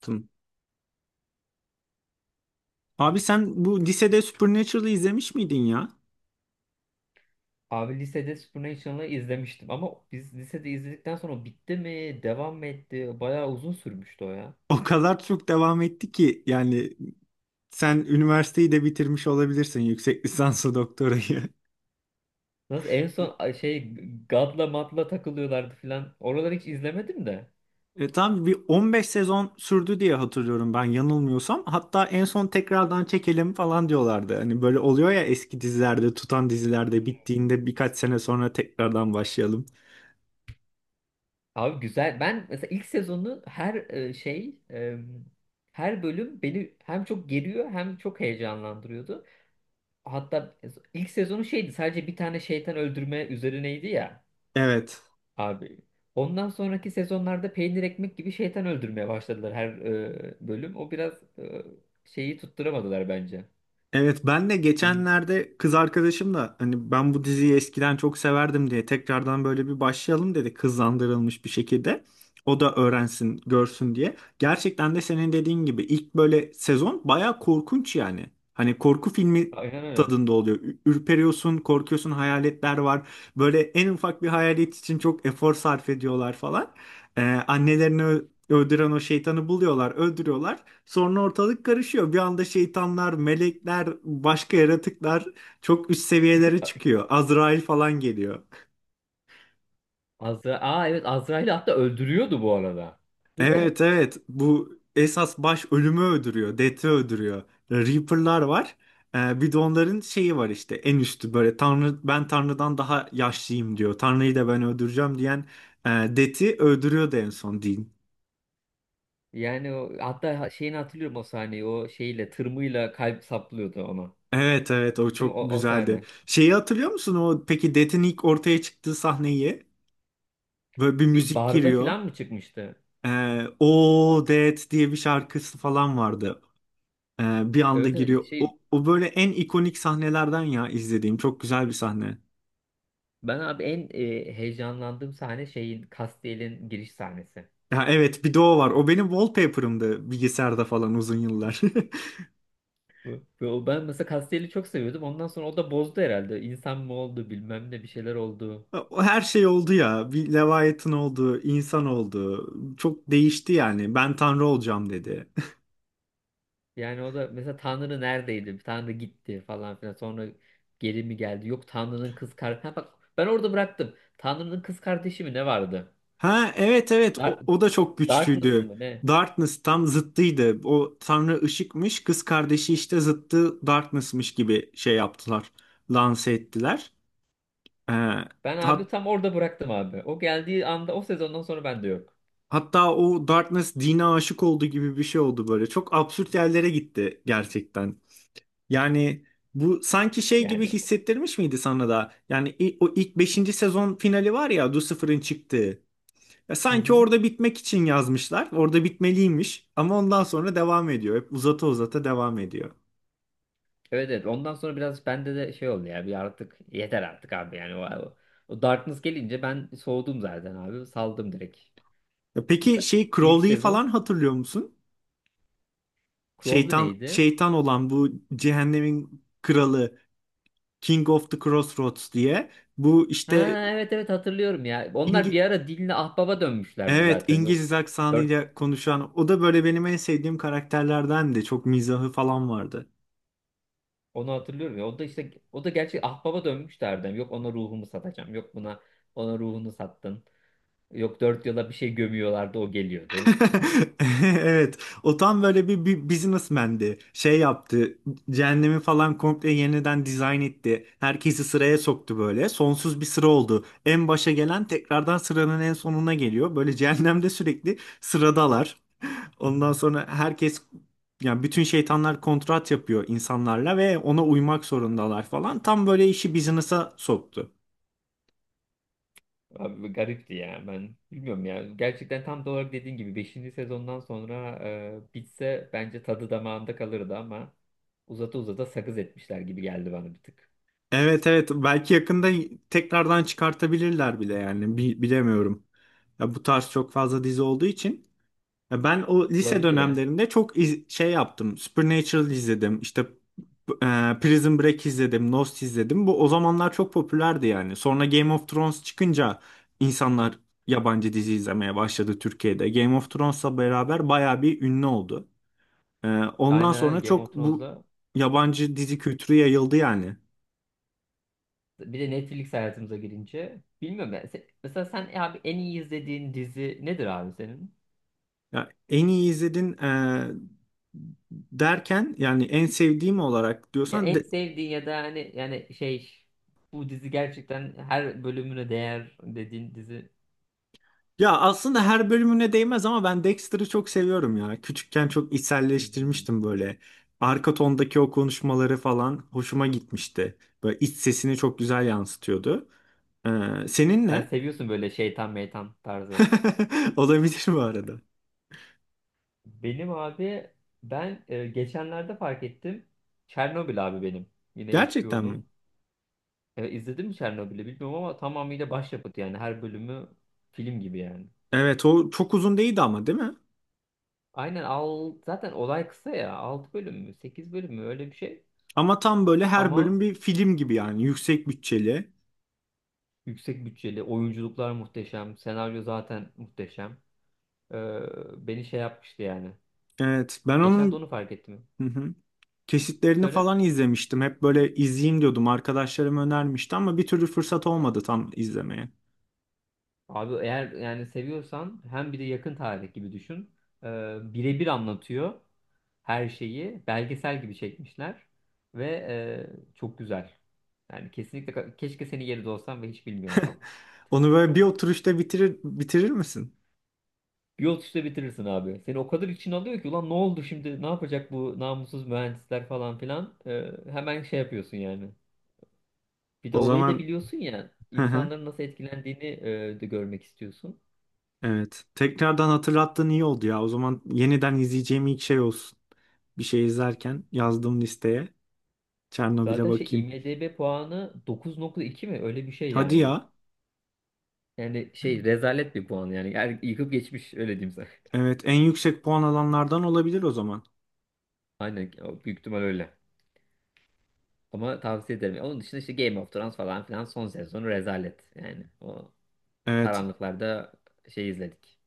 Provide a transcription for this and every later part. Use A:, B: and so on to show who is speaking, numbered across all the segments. A: Tım. Abi sen bu lisede Supernatural'ı izlemiş miydin ya?
B: Abi lisede Supernatural'ı izlemiştim ama biz lisede izledikten sonra o bitti mi, devam mı etti? Bayağı uzun sürmüştü o ya.
A: O kadar çok devam etti ki yani sen üniversiteyi de bitirmiş olabilirsin yüksek lisansı doktorayı.
B: Nasıl en son God'la Mad'la takılıyorlardı filan. Oraları hiç izlemedim de.
A: Tam bir 15 sezon sürdü diye hatırlıyorum ben yanılmıyorsam. Hatta en son tekrardan çekelim falan diyorlardı. Hani böyle oluyor ya eski dizilerde, tutan dizilerde bittiğinde birkaç sene sonra tekrardan başlayalım.
B: Abi güzel. Ben mesela ilk sezonu her e, şey e, her bölüm beni hem çok geriyor hem çok heyecanlandırıyordu. Hatta ilk sezonu şeydi, sadece bir tane şeytan öldürme üzerineydi ya.
A: Evet.
B: Abi ondan sonraki sezonlarda peynir ekmek gibi şeytan öldürmeye başladılar her bölüm. O biraz şeyi tutturamadılar bence.
A: Evet ben de
B: Bil-
A: geçenlerde kız arkadaşım da hani ben bu diziyi eskiden çok severdim diye tekrardan böyle bir başlayalım dedi kızlandırılmış bir şekilde. O da öğrensin, görsün diye. Gerçekten de senin dediğin gibi ilk böyle sezon bayağı korkunç yani. Hani korku filmi
B: Aynen öyle.
A: tadında oluyor. Ürperiyorsun, korkuyorsun, hayaletler var. Böyle en ufak bir hayalet için çok efor sarf ediyorlar falan. Ee, Annelerini öldüren o şeytanı buluyorlar, öldürüyorlar. Sonra ortalık karışıyor. Bir anda şeytanlar, melekler, başka yaratıklar çok üst seviyelere çıkıyor. Azrail falan geliyor.
B: Aa, evet, Azrail'i hatta öldürüyordu bu arada. Değil mi?
A: Evet evet bu esas baş ölümü öldürüyor. Death'i öldürüyor. Reaper'lar var. Bir de onların şeyi var işte en üstü böyle Tanrı ben Tanrı'dan daha yaşlıyım diyor. Tanrı'yı da ben öldüreceğim diyen Death'i öldürüyor da en son Dean.
B: Yani o, hatta şeyini hatırlıyorum o sahneyi. O şeyle tırmıyla kalp saplıyordu ona.
A: Evet evet o
B: Değil mi?
A: çok
B: O, o
A: güzeldi.
B: sahne.
A: Şeyi hatırlıyor musun o peki Death'in ilk ortaya çıktığı sahneyi? Böyle bir
B: Bir
A: müzik
B: barda
A: giriyor.
B: falan mı çıkmıştı?
A: O Dead diye bir şarkısı falan vardı. Bir anda
B: Evet, evet,
A: giriyor.
B: şey
A: O, o böyle en ikonik sahnelerden ya izlediğim. Çok güzel bir sahne.
B: ben abi en heyecanlandığım sahne şeyin Castiel'in giriş sahnesi.
A: Ya evet bir de o var. O benim wallpaper'ımdı bilgisayarda falan uzun yıllar.
B: Ben mesela Castelli çok seviyordum. Ondan sonra o da bozdu herhalde. İnsan mı oldu, bilmem ne bir şeyler oldu.
A: O her şey oldu ya. Bir Leviathan oldu, insan oldu. Çok değişti yani. Ben tanrı olacağım dedi.
B: Yani o da mesela Tanrı neredeydi? Tanrı gitti falan filan. Sonra geri mi geldi? Yok, Tanrı'nın kız kardeşi. Bak, ben orada bıraktım. Tanrı'nın kız kardeşi mi ne vardı?
A: Ha evet evet
B: Dark,
A: o, o da çok
B: Darkness
A: güçlüydü.
B: mı ne?
A: Darkness tam zıttıydı. O tanrı ışıkmış, kız kardeşi işte zıttı Darkness'mış gibi şey yaptılar. Lanse ettiler. Ee,
B: Ben abi
A: hat-
B: tam orada bıraktım abi. O geldiği anda, o sezondan sonra ben de yok.
A: hatta o Darkness dine aşık oldu gibi bir şey oldu böyle. Çok absürt yerlere gitti gerçekten. Yani bu sanki şey gibi
B: Yani.
A: hissettirmiş miydi sana da? Yani o ilk beşinci sezon finali var ya Lucifer'ın çıktığı. Ya
B: Hı
A: sanki
B: hı.
A: orada bitmek için yazmışlar. Orada bitmeliymiş ama ondan sonra devam ediyor. Hep uzata uzata devam ediyor.
B: Evet, evet, ondan sonra biraz bende de şey oldu ya, bir artık yeter artık abi yani o, o Darkness gelince ben soğudum zaten abi, saldım direkt.
A: Ya peki
B: Mesela
A: şey
B: ilk
A: Crowley'i
B: sezon
A: falan hatırlıyor musun?
B: Crow'du
A: Şeytan
B: neydi?
A: şeytan olan bu cehennemin kralı King of the Crossroads diye bu
B: Ha,
A: işte
B: evet, evet, hatırlıyorum ya. Onlar
A: İngi
B: bir ara Din'le Ahbap'a dönmüşlerdi
A: evet
B: zaten. Yok
A: İngiliz
B: dört-
A: aksanıyla konuşan o da böyle benim en sevdiğim karakterlerden de çok mizahı falan vardı.
B: onu hatırlıyorum ya. O da işte o da gerçi Ahbap'a dönmüşlerdi. Yok, ona ruhumu satacağım. Yok, buna, ona ruhunu sattın. Yok, dört yola bir şey gömüyorlardı, o geliyordu.
A: Evet. O tam böyle bir businessman'di. Şey yaptı. Cehennemi falan komple yeniden dizayn etti. Herkesi sıraya soktu böyle. Sonsuz bir sıra oldu. En başa gelen tekrardan sıranın en sonuna geliyor. Böyle cehennemde sürekli sıradalar. Ondan sonra herkes yani bütün şeytanlar kontrat yapıyor insanlarla ve ona uymak zorundalar falan. Tam böyle işi business'a soktu.
B: Abi bu garipti ya, ben bilmiyorum ya gerçekten, tam da olarak dediğin gibi beşinci sezondan sonra bitse bence tadı damağında kalırdı ama uzata uzata sakız etmişler gibi geldi bana bir tık.
A: Evet evet belki yakında tekrardan çıkartabilirler bile yani bilemiyorum. Ya bu tarz çok fazla dizi olduğu için ya ben o lise
B: Olabilir ya.
A: dönemlerinde çok şey yaptım. Supernatural izledim. İşte e, Prison Break izledim, Lost izledim. Bu o zamanlar çok popülerdi yani. Sonra Game of Thrones çıkınca insanlar yabancı dizi izlemeye başladı Türkiye'de. Game of Thrones'la beraber bayağı bir ünlü oldu. E, Ondan sonra
B: Aynen, Game of
A: çok bu
B: Thrones'da
A: yabancı dizi kültürü yayıldı yani.
B: bir de Netflix hayatımıza girince bilmiyorum ben. Mesela sen abi en iyi izlediğin dizi nedir abi senin?
A: Ya en iyi izledin derken yani en sevdiğim olarak
B: Ya
A: diyorsan
B: en sevdiğin ya da hani yani şey, bu dizi gerçekten her bölümüne değer dediğin dizi.
A: ya aslında her bölümüne değmez ama ben Dexter'ı çok seviyorum ya. Küçükken çok
B: Hmm.
A: içselleştirmiştim böyle. Arka tondaki o konuşmaları falan hoşuma gitmişti. Böyle iç sesini çok güzel yansıtıyordu. Senin
B: Sen
A: ne?
B: seviyorsun böyle şeytan meytan tarzı.
A: Olabilir bu arada.
B: Benim abi ben geçenlerde fark ettim. Çernobil abi benim. Yine
A: Gerçekten mi?
B: HBO'nun. E, izledin mi Çernobil'i bilmiyorum ama tamamıyla başyapıt yani, her bölümü film gibi yani.
A: Evet o çok uzun değildi ama değil mi?
B: Aynen, al zaten olay kısa ya. 6 bölüm mü, 8 bölüm mü, öyle bir şey.
A: Ama tam böyle her
B: Ama
A: bölüm bir film gibi yani yüksek bütçeli.
B: yüksek bütçeli, oyunculuklar muhteşem, senaryo zaten muhteşem. E, beni şey yapmıştı yani.
A: Evet ben
B: Geçen de
A: onun...
B: onu fark ettim.
A: Kesitlerini
B: Söyle.
A: falan izlemiştim. Hep böyle izleyeyim diyordum. Arkadaşlarım önermişti ama bir türlü fırsat olmadı tam izlemeye.
B: Abi, eğer yani seviyorsan, hem bir de yakın tarih gibi düşün. Ee, birebir anlatıyor her şeyi. Belgesel gibi çekmişler. Ve çok güzel. Yani kesinlikle keşke senin yerinde olsam ve hiç bilmiyorsam.
A: Onu böyle bir oturuşta bitirir misin?
B: Bir yol işte bitirirsin abi. Seni o kadar için alıyor ki ulan ne oldu şimdi, ne yapacak bu namussuz mühendisler falan filan. Hemen şey yapıyorsun yani. Bir de
A: O
B: olayı da
A: zaman
B: biliyorsun ya,
A: hı hı,
B: insanların nasıl etkilendiğini de görmek istiyorsun.
A: evet. Tekrardan hatırlattığın iyi oldu ya. O zaman yeniden izleyeceğim ilk şey olsun. Bir şey izlerken yazdığım listeye Çernobil'e
B: Zaten şey
A: bakayım.
B: IMDb puanı 9,2 mi? Öyle bir şey
A: Hadi
B: yani.
A: ya.
B: Yani şey rezalet bir puan yani. Yani yıkıp geçmiş, öyle diyeyim sana.
A: Evet, en yüksek puan alanlardan olabilir o zaman.
B: Aynen, o büyük ihtimal öyle. Ama tavsiye ederim. Onun dışında işte Game of Thrones falan filan, son sezonu rezalet. Yani o
A: Evet.
B: karanlıklarda şey izledik.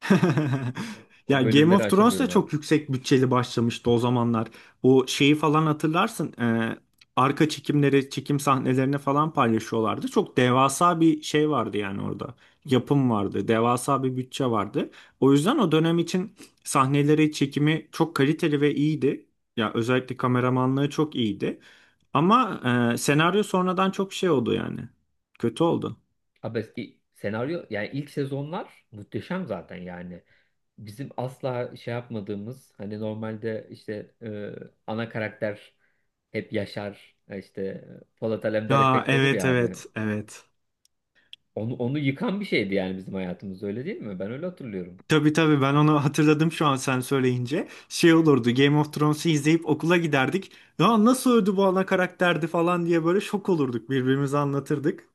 B: O,
A: Ya
B: o
A: Game
B: bölümleri
A: of Thrones da
B: aşamıyorum abi.
A: çok yüksek bütçeli başlamıştı o zamanlar. O şeyi falan hatırlarsın. Arka çekimleri, çekim sahnelerini falan paylaşıyorlardı. Çok devasa bir şey vardı yani orada. Yapım vardı, devasa bir bütçe vardı. O yüzden o dönem için sahneleri, çekimi çok kaliteli ve iyiydi. Ya özellikle kameramanlığı çok iyiydi. Ama senaryo sonradan çok şey oldu yani. Kötü oldu.
B: Abi eski senaryo, yani ilk sezonlar muhteşem zaten yani. Bizim asla şey yapmadığımız, hani normalde işte ana karakter hep Yaşar işte Polat Alemdar
A: Aa,
B: efekt olur
A: evet
B: ya abi.
A: evet evet.
B: Onu yıkan bir şeydi yani, bizim hayatımız öyle değil mi? Ben öyle hatırlıyorum.
A: Tabii tabii ben onu hatırladım şu an sen söyleyince. Şey olurdu Game of Thrones'u izleyip okula giderdik. Ya nasıl öldü bu ana karakterdi falan diye böyle şok olurduk birbirimize anlatırdık.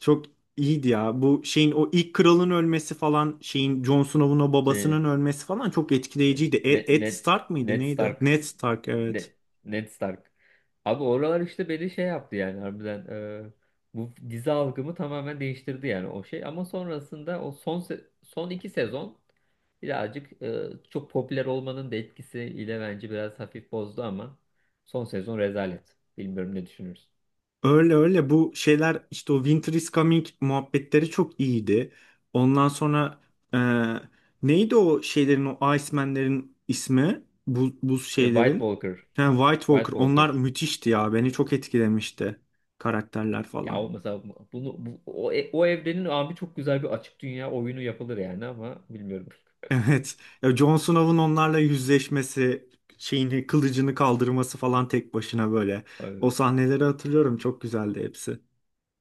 A: Çok iyiydi ya. Bu şeyin o ilk kralın ölmesi falan şeyin Jon Snow'un o
B: Şey e,
A: babasının ölmesi falan çok
B: şey,
A: etkileyiciydi.
B: Ned,
A: Ed
B: Ned,
A: Stark mıydı
B: Ned
A: neydi?
B: Stark
A: Ned Stark evet.
B: Ne, Ned Stark. Abi oralar işte beni şey yaptı yani, harbiden e, bu dizi algımı tamamen değiştirdi yani o şey, ama sonrasında o son 2 sezon birazcık çok popüler olmanın da etkisiyle bence biraz hafif bozdu ama son sezon rezalet. Bilmiyorum ne düşünürsün.
A: Öyle öyle bu şeyler işte o Winter is Coming muhabbetleri çok iyiydi. Ondan sonra e, neydi o şeylerin o Iceman'lerin ismi? Bu, buz
B: Şey, White
A: şeylerin.
B: Walker,
A: Yani White Walker
B: White
A: onlar
B: Walkers.
A: müthişti ya beni çok etkilemişti karakterler
B: Ya
A: falan.
B: o mesela bunu bu, o, e, o evrenin abi çok güzel bir açık dünya oyunu yapılır yani ama bilmiyorum.
A: Evet ya Jon Snow'un onlarla yüzleşmesi şeyini kılıcını kaldırması falan tek başına böyle. O sahneleri hatırlıyorum çok güzeldi hepsi.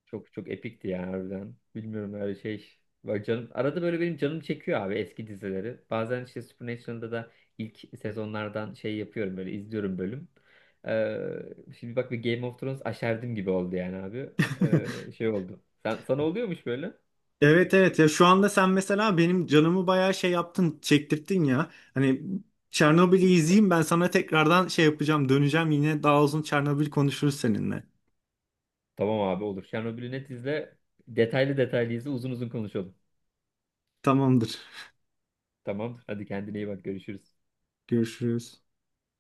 B: Çok çok epikti ya harbiden. Bilmiyorum öyle şey. Bak canım, arada böyle benim canım çekiyor abi eski dizileri. Bazen işte Supernatural'da da ilk sezonlardan şey yapıyorum böyle, izliyorum bölüm. Ee, şimdi bak, bir Game of Thrones aşerdim gibi oldu yani abi. Şey oldu. Sana oluyormuş böyle.
A: Evet evet ya şu anda sen mesela benim canımı bayağı şey yaptın çektirttin ya. Hani Çernobil'i izleyeyim ben sana tekrardan şey yapacağım döneceğim yine daha uzun Çernobil konuşuruz seninle.
B: Tamam abi, olur. Chernobyl'ü net izle. Detaylı detaylı izle, uzun uzun konuşalım.
A: Tamamdır.
B: Tamam. Hadi kendine iyi bak, görüşürüz.
A: Görüşürüz.